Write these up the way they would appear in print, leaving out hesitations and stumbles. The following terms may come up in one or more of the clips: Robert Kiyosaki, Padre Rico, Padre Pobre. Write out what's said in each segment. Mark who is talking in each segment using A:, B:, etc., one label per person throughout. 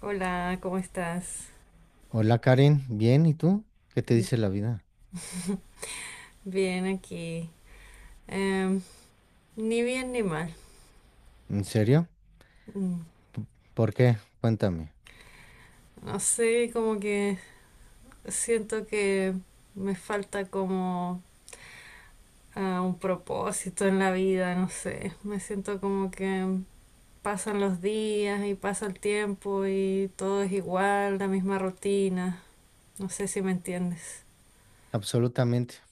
A: Hola, ¿cómo estás?
B: Hola Karin, bien, ¿y tú? ¿Qué te dice la vida?
A: Bien aquí. Em, Ni bien ni mal.
B: ¿En serio?
A: Mm,
B: P- ¿Por qué? Cuéntame.
A: No sé, como que siento que me falta como un propósito en la vida, no sé. Me siento como que pasan los días y pasa el tiempo y todo es igual, la misma rutina. No sé si me entiendes.
B: Absolutamente.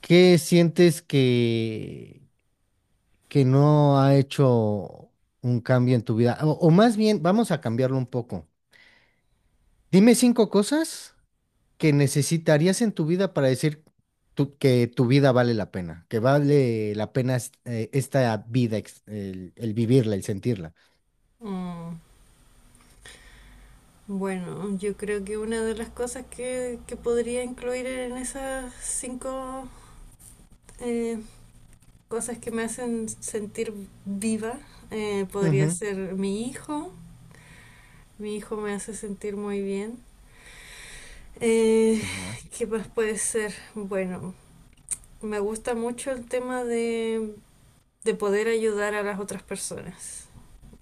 B: ¿Qué sientes que no ha hecho un cambio en tu vida? O más bien, vamos a cambiarlo un poco. Dime cinco cosas que necesitarías en tu vida para decir que tu vida vale la pena, que vale la pena esta vida, el vivirla, el sentirla.
A: Mm, Bueno, yo creo que una de las cosas que podría incluir en esas cinco eh, cosas que me hacen sentir viva. Podría
B: Ujú.
A: ser mi hijo. Mi hijo me hace sentir muy bien. Eh,
B: Una.
A: ¿Qué más puede ser? Bueno, me gusta mucho el tema de poder ayudar a las otras personas.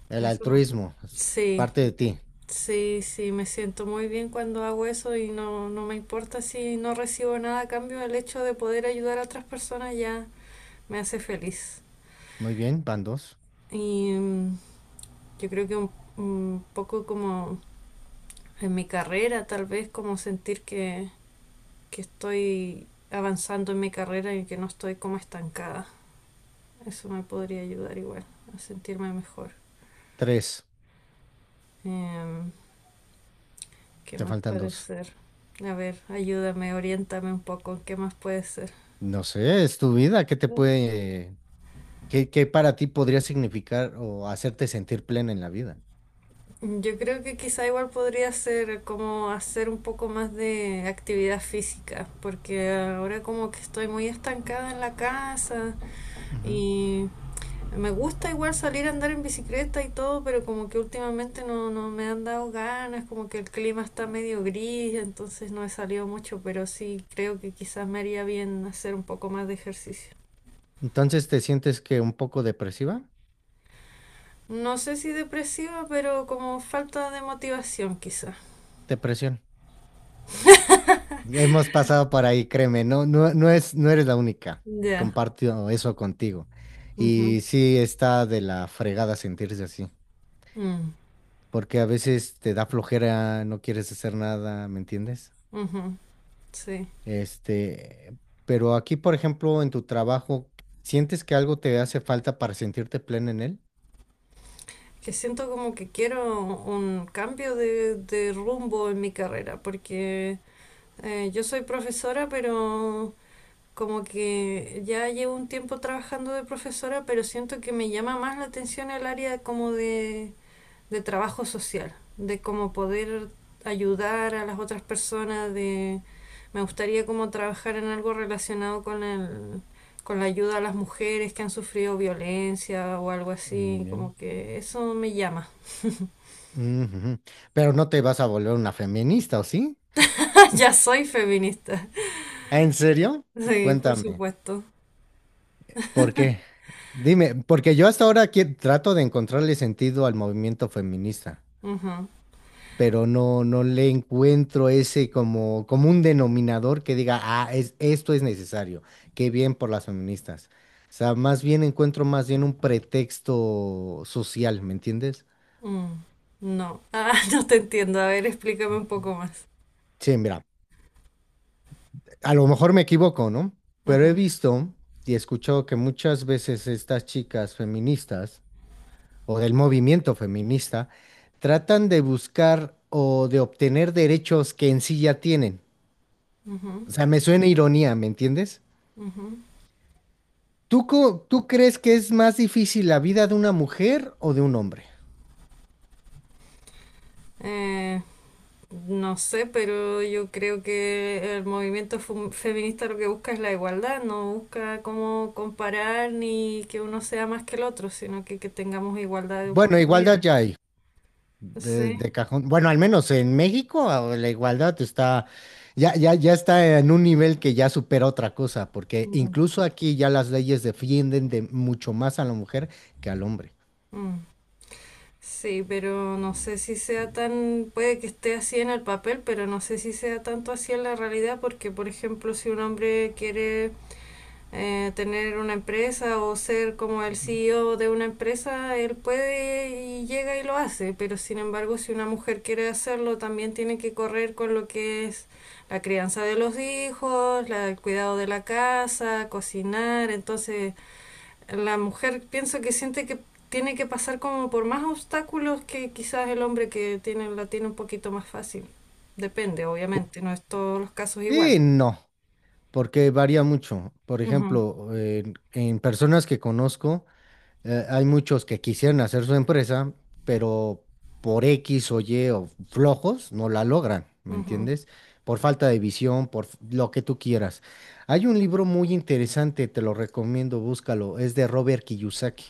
B: El
A: Eso,
B: altruismo, es
A: sí,
B: parte de ti.
A: sí, sí, me siento muy bien cuando hago eso y no, no me importa si no recibo nada a cambio. El hecho de poder ayudar a otras personas ya me hace feliz.
B: Muy bien, van dos.
A: Y mm, Yo creo que un poco como en mi carrera, tal vez como sentir que estoy avanzando en mi carrera y que no estoy como estancada. Eso me podría ayudar igual a sentirme mejor.
B: Tres.
A: Em, ¿Qué
B: Te
A: más
B: faltan
A: puede
B: dos.
A: ser? A ver, ayúdame, oriéntame un poco, ¿qué más puede ser?
B: No sé, es tu vida. ¿Qué te puede, qué para ti podría significar o hacerte sentir plena en la vida?
A: Yo creo que quizá igual podría ser como hacer un poco más de actividad física, porque ahora como que estoy muy estancada en la casa
B: Ujú.
A: y me gusta igual salir a andar en bicicleta y todo, pero como que últimamente no, no me han dado ganas, como que el clima está medio gris, entonces no he salido mucho, pero sí creo que quizás me haría bien hacer un poco más de ejercicio.
B: Entonces, ¿te sientes que un poco depresiva?
A: No sé si depresiva, pero como falta de motivación quizás.
B: Depresión. Ya hemos pasado por ahí, créeme, no, no, no es, no eres la única.
A: Ya.
B: Comparto eso contigo.
A: Ujú.
B: Y sí está de la fregada sentirse así,
A: Mm,
B: porque a veces te da flojera, no quieres hacer nada, ¿me entiendes?
A: ujú. Sí.
B: Este, pero aquí, por ejemplo, en tu trabajo, ¿sientes que algo te hace falta para sentirte plena en él?
A: Que siento como que quiero un cambio de rumbo en mi carrera, porque yo soy profesora, pero... Como que ya llevo un tiempo trabajando de profesora, pero siento que me llama más la atención el área como de trabajo social, de cómo poder ayudar a las otras personas, de me gustaría como trabajar en algo relacionado con con la ayuda a las mujeres que han sufrido violencia o algo
B: Muy
A: así, como
B: bien.
A: que eso me llama.
B: Ujú. Pero no te vas a volver una feminista, ¿o sí?
A: Ya soy feminista.
B: ¿En serio?
A: Sí, por
B: Cuéntame,
A: supuesto.
B: ¿por qué? Dime, porque yo hasta ahora aquí trato de encontrarle sentido al movimiento feminista.
A: Ujú.
B: Pero no, no le encuentro ese como un denominador que diga, esto es necesario, qué bien por las feministas. O sea, más bien encuentro más bien un pretexto social, ¿me entiendes?
A: Mm. No. Ah, no te entiendo. A ver, explícame un poco más.
B: Sí, mira, a lo mejor me equivoco, ¿no? Pero he
A: Ujú,
B: visto y he escuchado que muchas veces estas chicas feministas o del movimiento feminista tratan de buscar o de obtener derechos que en sí ya tienen. O
A: ujú,
B: sea, me suena ironía, ¿me entiendes?
A: ujú.
B: ¿Tú crees que es más difícil la vida de una mujer o de un hombre?
A: Eh, no sé, pero yo creo que el movimiento feminista lo que busca es la igualdad, no busca cómo comparar ni que uno sea más que el otro, sino que tengamos igualdad de
B: Bueno, igualdad
A: oportunidades.
B: ya hay, de,
A: Sí.
B: de cajón. Bueno, al menos en México, la igualdad está, ya, ya, ya está en un nivel que ya supera otra cosa, porque
A: Mm,
B: incluso aquí ya las leyes defienden de mucho más a la mujer que al hombre.
A: mm. Sí, pero no sé si sea tan, puede que esté así en el papel, pero no sé si sea tanto así en la realidad, porque por ejemplo, si un hombre quiere tener una empresa o ser como el
B: Ujú.
A: CEO de una empresa, él puede y llega y lo hace, pero sin embargo, si una mujer quiere hacerlo, también tiene que correr con lo que es la crianza de los hijos, el cuidado de la casa, cocinar, entonces la mujer pienso que siente que tiene que pasar como por más obstáculos que quizás el hombre que tiene, la tiene un poquito más fácil. Depende, obviamente, no es todos los casos
B: Sí,
A: iguales.
B: no, porque varía mucho. Por
A: Ujú,
B: ejemplo, en personas que conozco. Hay muchos que quisieran hacer su empresa, pero por X o Y o flojos no la logran, ¿me
A: ujú,
B: entiendes? Por falta de visión, lo que tú quieras. Hay un libro muy interesante, te lo recomiendo, búscalo, es de Robert Kiyosaki.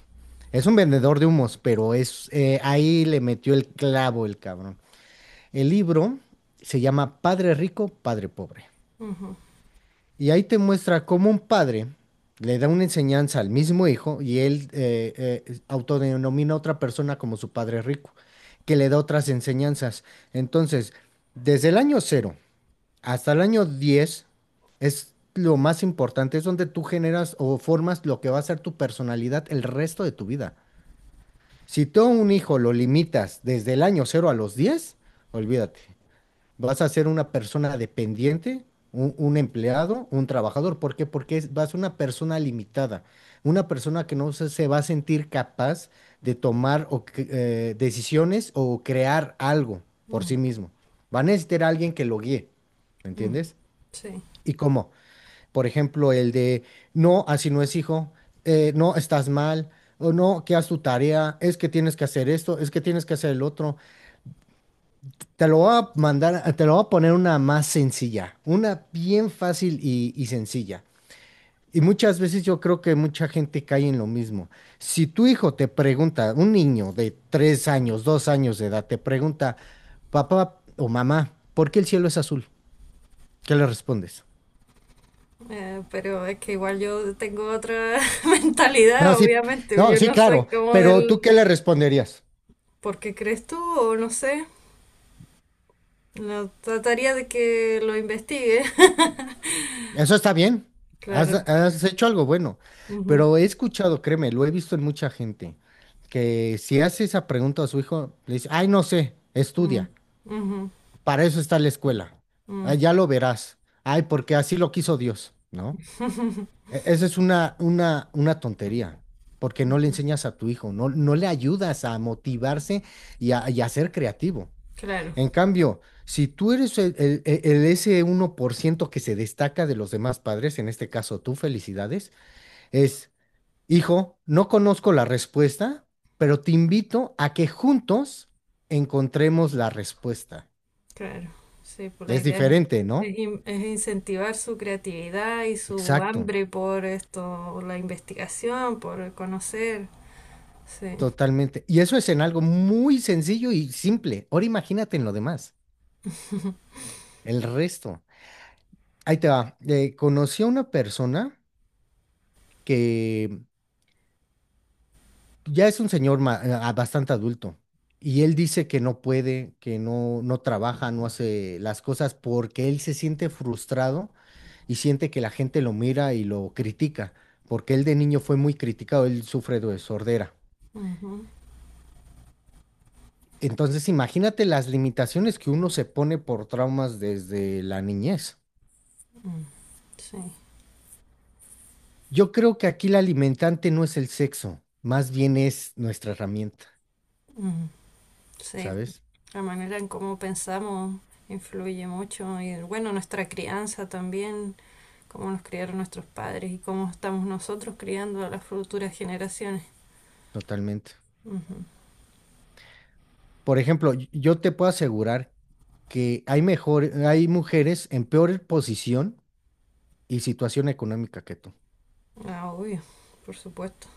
B: Es un vendedor de humos, pero es ahí le metió el clavo el cabrón. El libro se llama Padre Rico, Padre Pobre.
A: ujú,
B: Y ahí te muestra cómo un padre le da una enseñanza al mismo hijo y él autodenomina a otra persona como su padre rico, que le da otras enseñanzas. Entonces, desde el año 0 hasta el año 10 es lo más importante, es donde tú generas o formas lo que va a ser tu personalidad el resto de tu vida. Si tú a un hijo lo limitas desde el año 0 a los 10, olvídate, vas a ser una persona dependiente, un empleado, un trabajador. ¿Por qué? Porque vas a ser una persona limitada, una persona que no se va a sentir capaz de tomar o decisiones o crear algo por sí
A: ujú,
B: mismo. Va a necesitar a alguien que lo guíe, ¿me
A: ujú.
B: entiendes?
A: Sí,
B: ¿Y cómo? Por ejemplo, no, así no es hijo, no, estás mal. O no, que haz tu tarea, es que tienes que hacer esto, es que tienes que hacer el otro, te lo voy a mandar, te lo voy a poner una más sencilla, una bien fácil y sencilla. Y muchas veces yo creo que mucha gente cae en lo mismo. Si tu hijo te pregunta, un niño de 3 años, 2 años de edad, te pregunta, papá o mamá, ¿por qué el cielo es azul? ¿Qué le respondes?
A: pero es que igual yo tengo otra
B: No,
A: mentalidad,
B: sí,
A: obviamente.
B: no,
A: Yo
B: sí,
A: no soy
B: claro,
A: como
B: pero ¿tú
A: del...
B: qué le responderías?
A: ¿Por qué crees tú? O no sé. Lo trataría de que lo investigue.
B: Eso está bien. Has,
A: Claro.
B: has hecho algo bueno.
A: Ujú,
B: Pero he escuchado, créeme, lo he visto en mucha gente, que si hace esa pregunta a su hijo, le dice, ay, no sé,
A: mm,
B: estudia.
A: ujú,
B: Para eso está la escuela.
A: mm,
B: Ah, ya lo verás. Ay, porque así lo quiso Dios, ¿no? Esa es una tontería, porque no le enseñas a tu hijo, no, no le ayudas a motivarse y a ser creativo.
A: claro.
B: En cambio, si tú eres el ese 1% que se destaca de los demás padres, en este caso tú, felicidades, es, hijo, no conozco la respuesta, pero te invito a que juntos encontremos la respuesta.
A: Claro, sí, pues la
B: Es
A: idea
B: diferente,
A: es
B: ¿no?
A: es incentivar su creatividad y su
B: Exacto,
A: hambre por esto, la investigación, por conocer. Sí,
B: totalmente. Y eso es en algo muy sencillo y simple. Ahora imagínate en lo demás, el resto. Ahí te va. Conocí a una persona que ya es un señor, bastante adulto, y él dice que no puede, que no, no trabaja, no hace las cosas porque él se siente frustrado y siente que la gente lo mira y lo critica, porque él de niño fue muy criticado, él sufre de sordera.
A: ujú,
B: Entonces, imagínate las limitaciones que uno se pone por traumas desde la niñez.
A: mm, sí,
B: Yo creo que aquí la alimentante no es el sexo, más bien es nuestra herramienta,
A: mm, sí,
B: ¿sabes?
A: la manera en cómo pensamos influye mucho y bueno, nuestra crianza también, cómo nos criaron nuestros padres y cómo estamos nosotros criando a las futuras generaciones.
B: Totalmente.
A: Ujú.
B: Por ejemplo, yo te puedo asegurar que hay mujeres en peor posición y situación económica que tú.
A: Ah, obvio, por supuesto.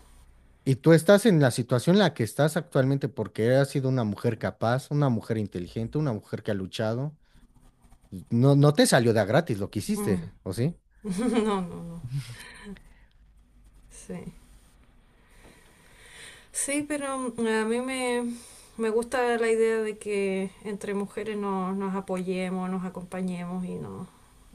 B: Y tú estás en la situación en la que estás actualmente porque has sido una mujer capaz, una mujer inteligente, una mujer que ha luchado. No, no te salió de a gratis lo que hiciste,
A: Mm.
B: ¿o sí?
A: No, no, no. Sí. Sí, pero a me gusta la idea de que entre mujeres nos apoyemos, nos acompañemos y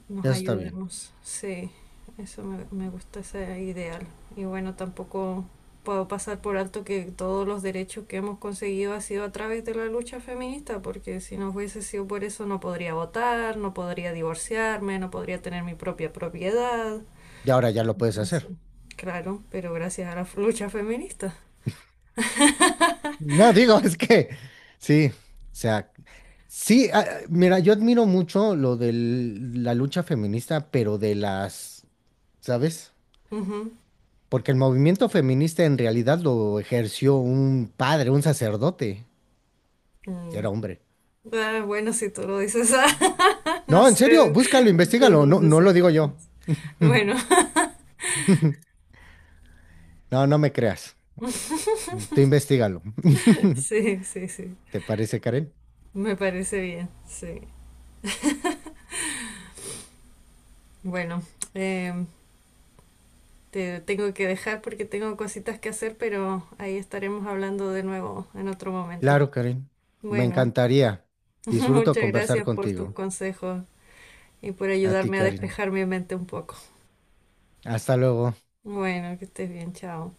A: nos
B: Ya está bien.
A: ayudemos. Sí, eso me gusta ese ideal. Y bueno, tampoco puedo pasar por alto que todos los derechos que hemos conseguido ha sido a través de la lucha feminista, porque si no hubiese sido por eso no podría votar, no podría divorciarme, no podría tener mi propia propiedad.
B: Y ahora ya lo puedes
A: Entonces,
B: hacer.
A: claro, pero gracias a la lucha feminista.
B: No, digo, es que sí, o sea, sí, mira, yo admiro mucho lo de la lucha feminista, pero de las, ¿sabes?
A: Ujú.
B: Porque el movimiento feminista en realidad lo ejerció un padre, un sacerdote, y
A: Mm,
B: era hombre.
A: Ah, bueno, si tú lo dices, ah, no
B: No, en
A: sé
B: serio, búscalo,
A: de
B: investigalo. No,
A: dónde
B: no lo
A: sacas
B: digo yo.
A: eso. Bueno,
B: No, no me creas. Tú investigalo.
A: sí, sí, sí,
B: ¿Te parece, Karen?
A: me parece bien, sí. Bueno, em, te tengo que dejar porque tengo cositas que hacer, pero ahí estaremos hablando de nuevo en otro momento.
B: Claro, Karen. Me
A: Bueno,
B: encantaría. Disfruto
A: muchas
B: conversar
A: gracias por tus
B: contigo.
A: consejos y por
B: A ti,
A: ayudarme a
B: Karen.
A: despejar mi mente un poco.
B: Hasta luego.
A: Bueno, que estés bien, chao.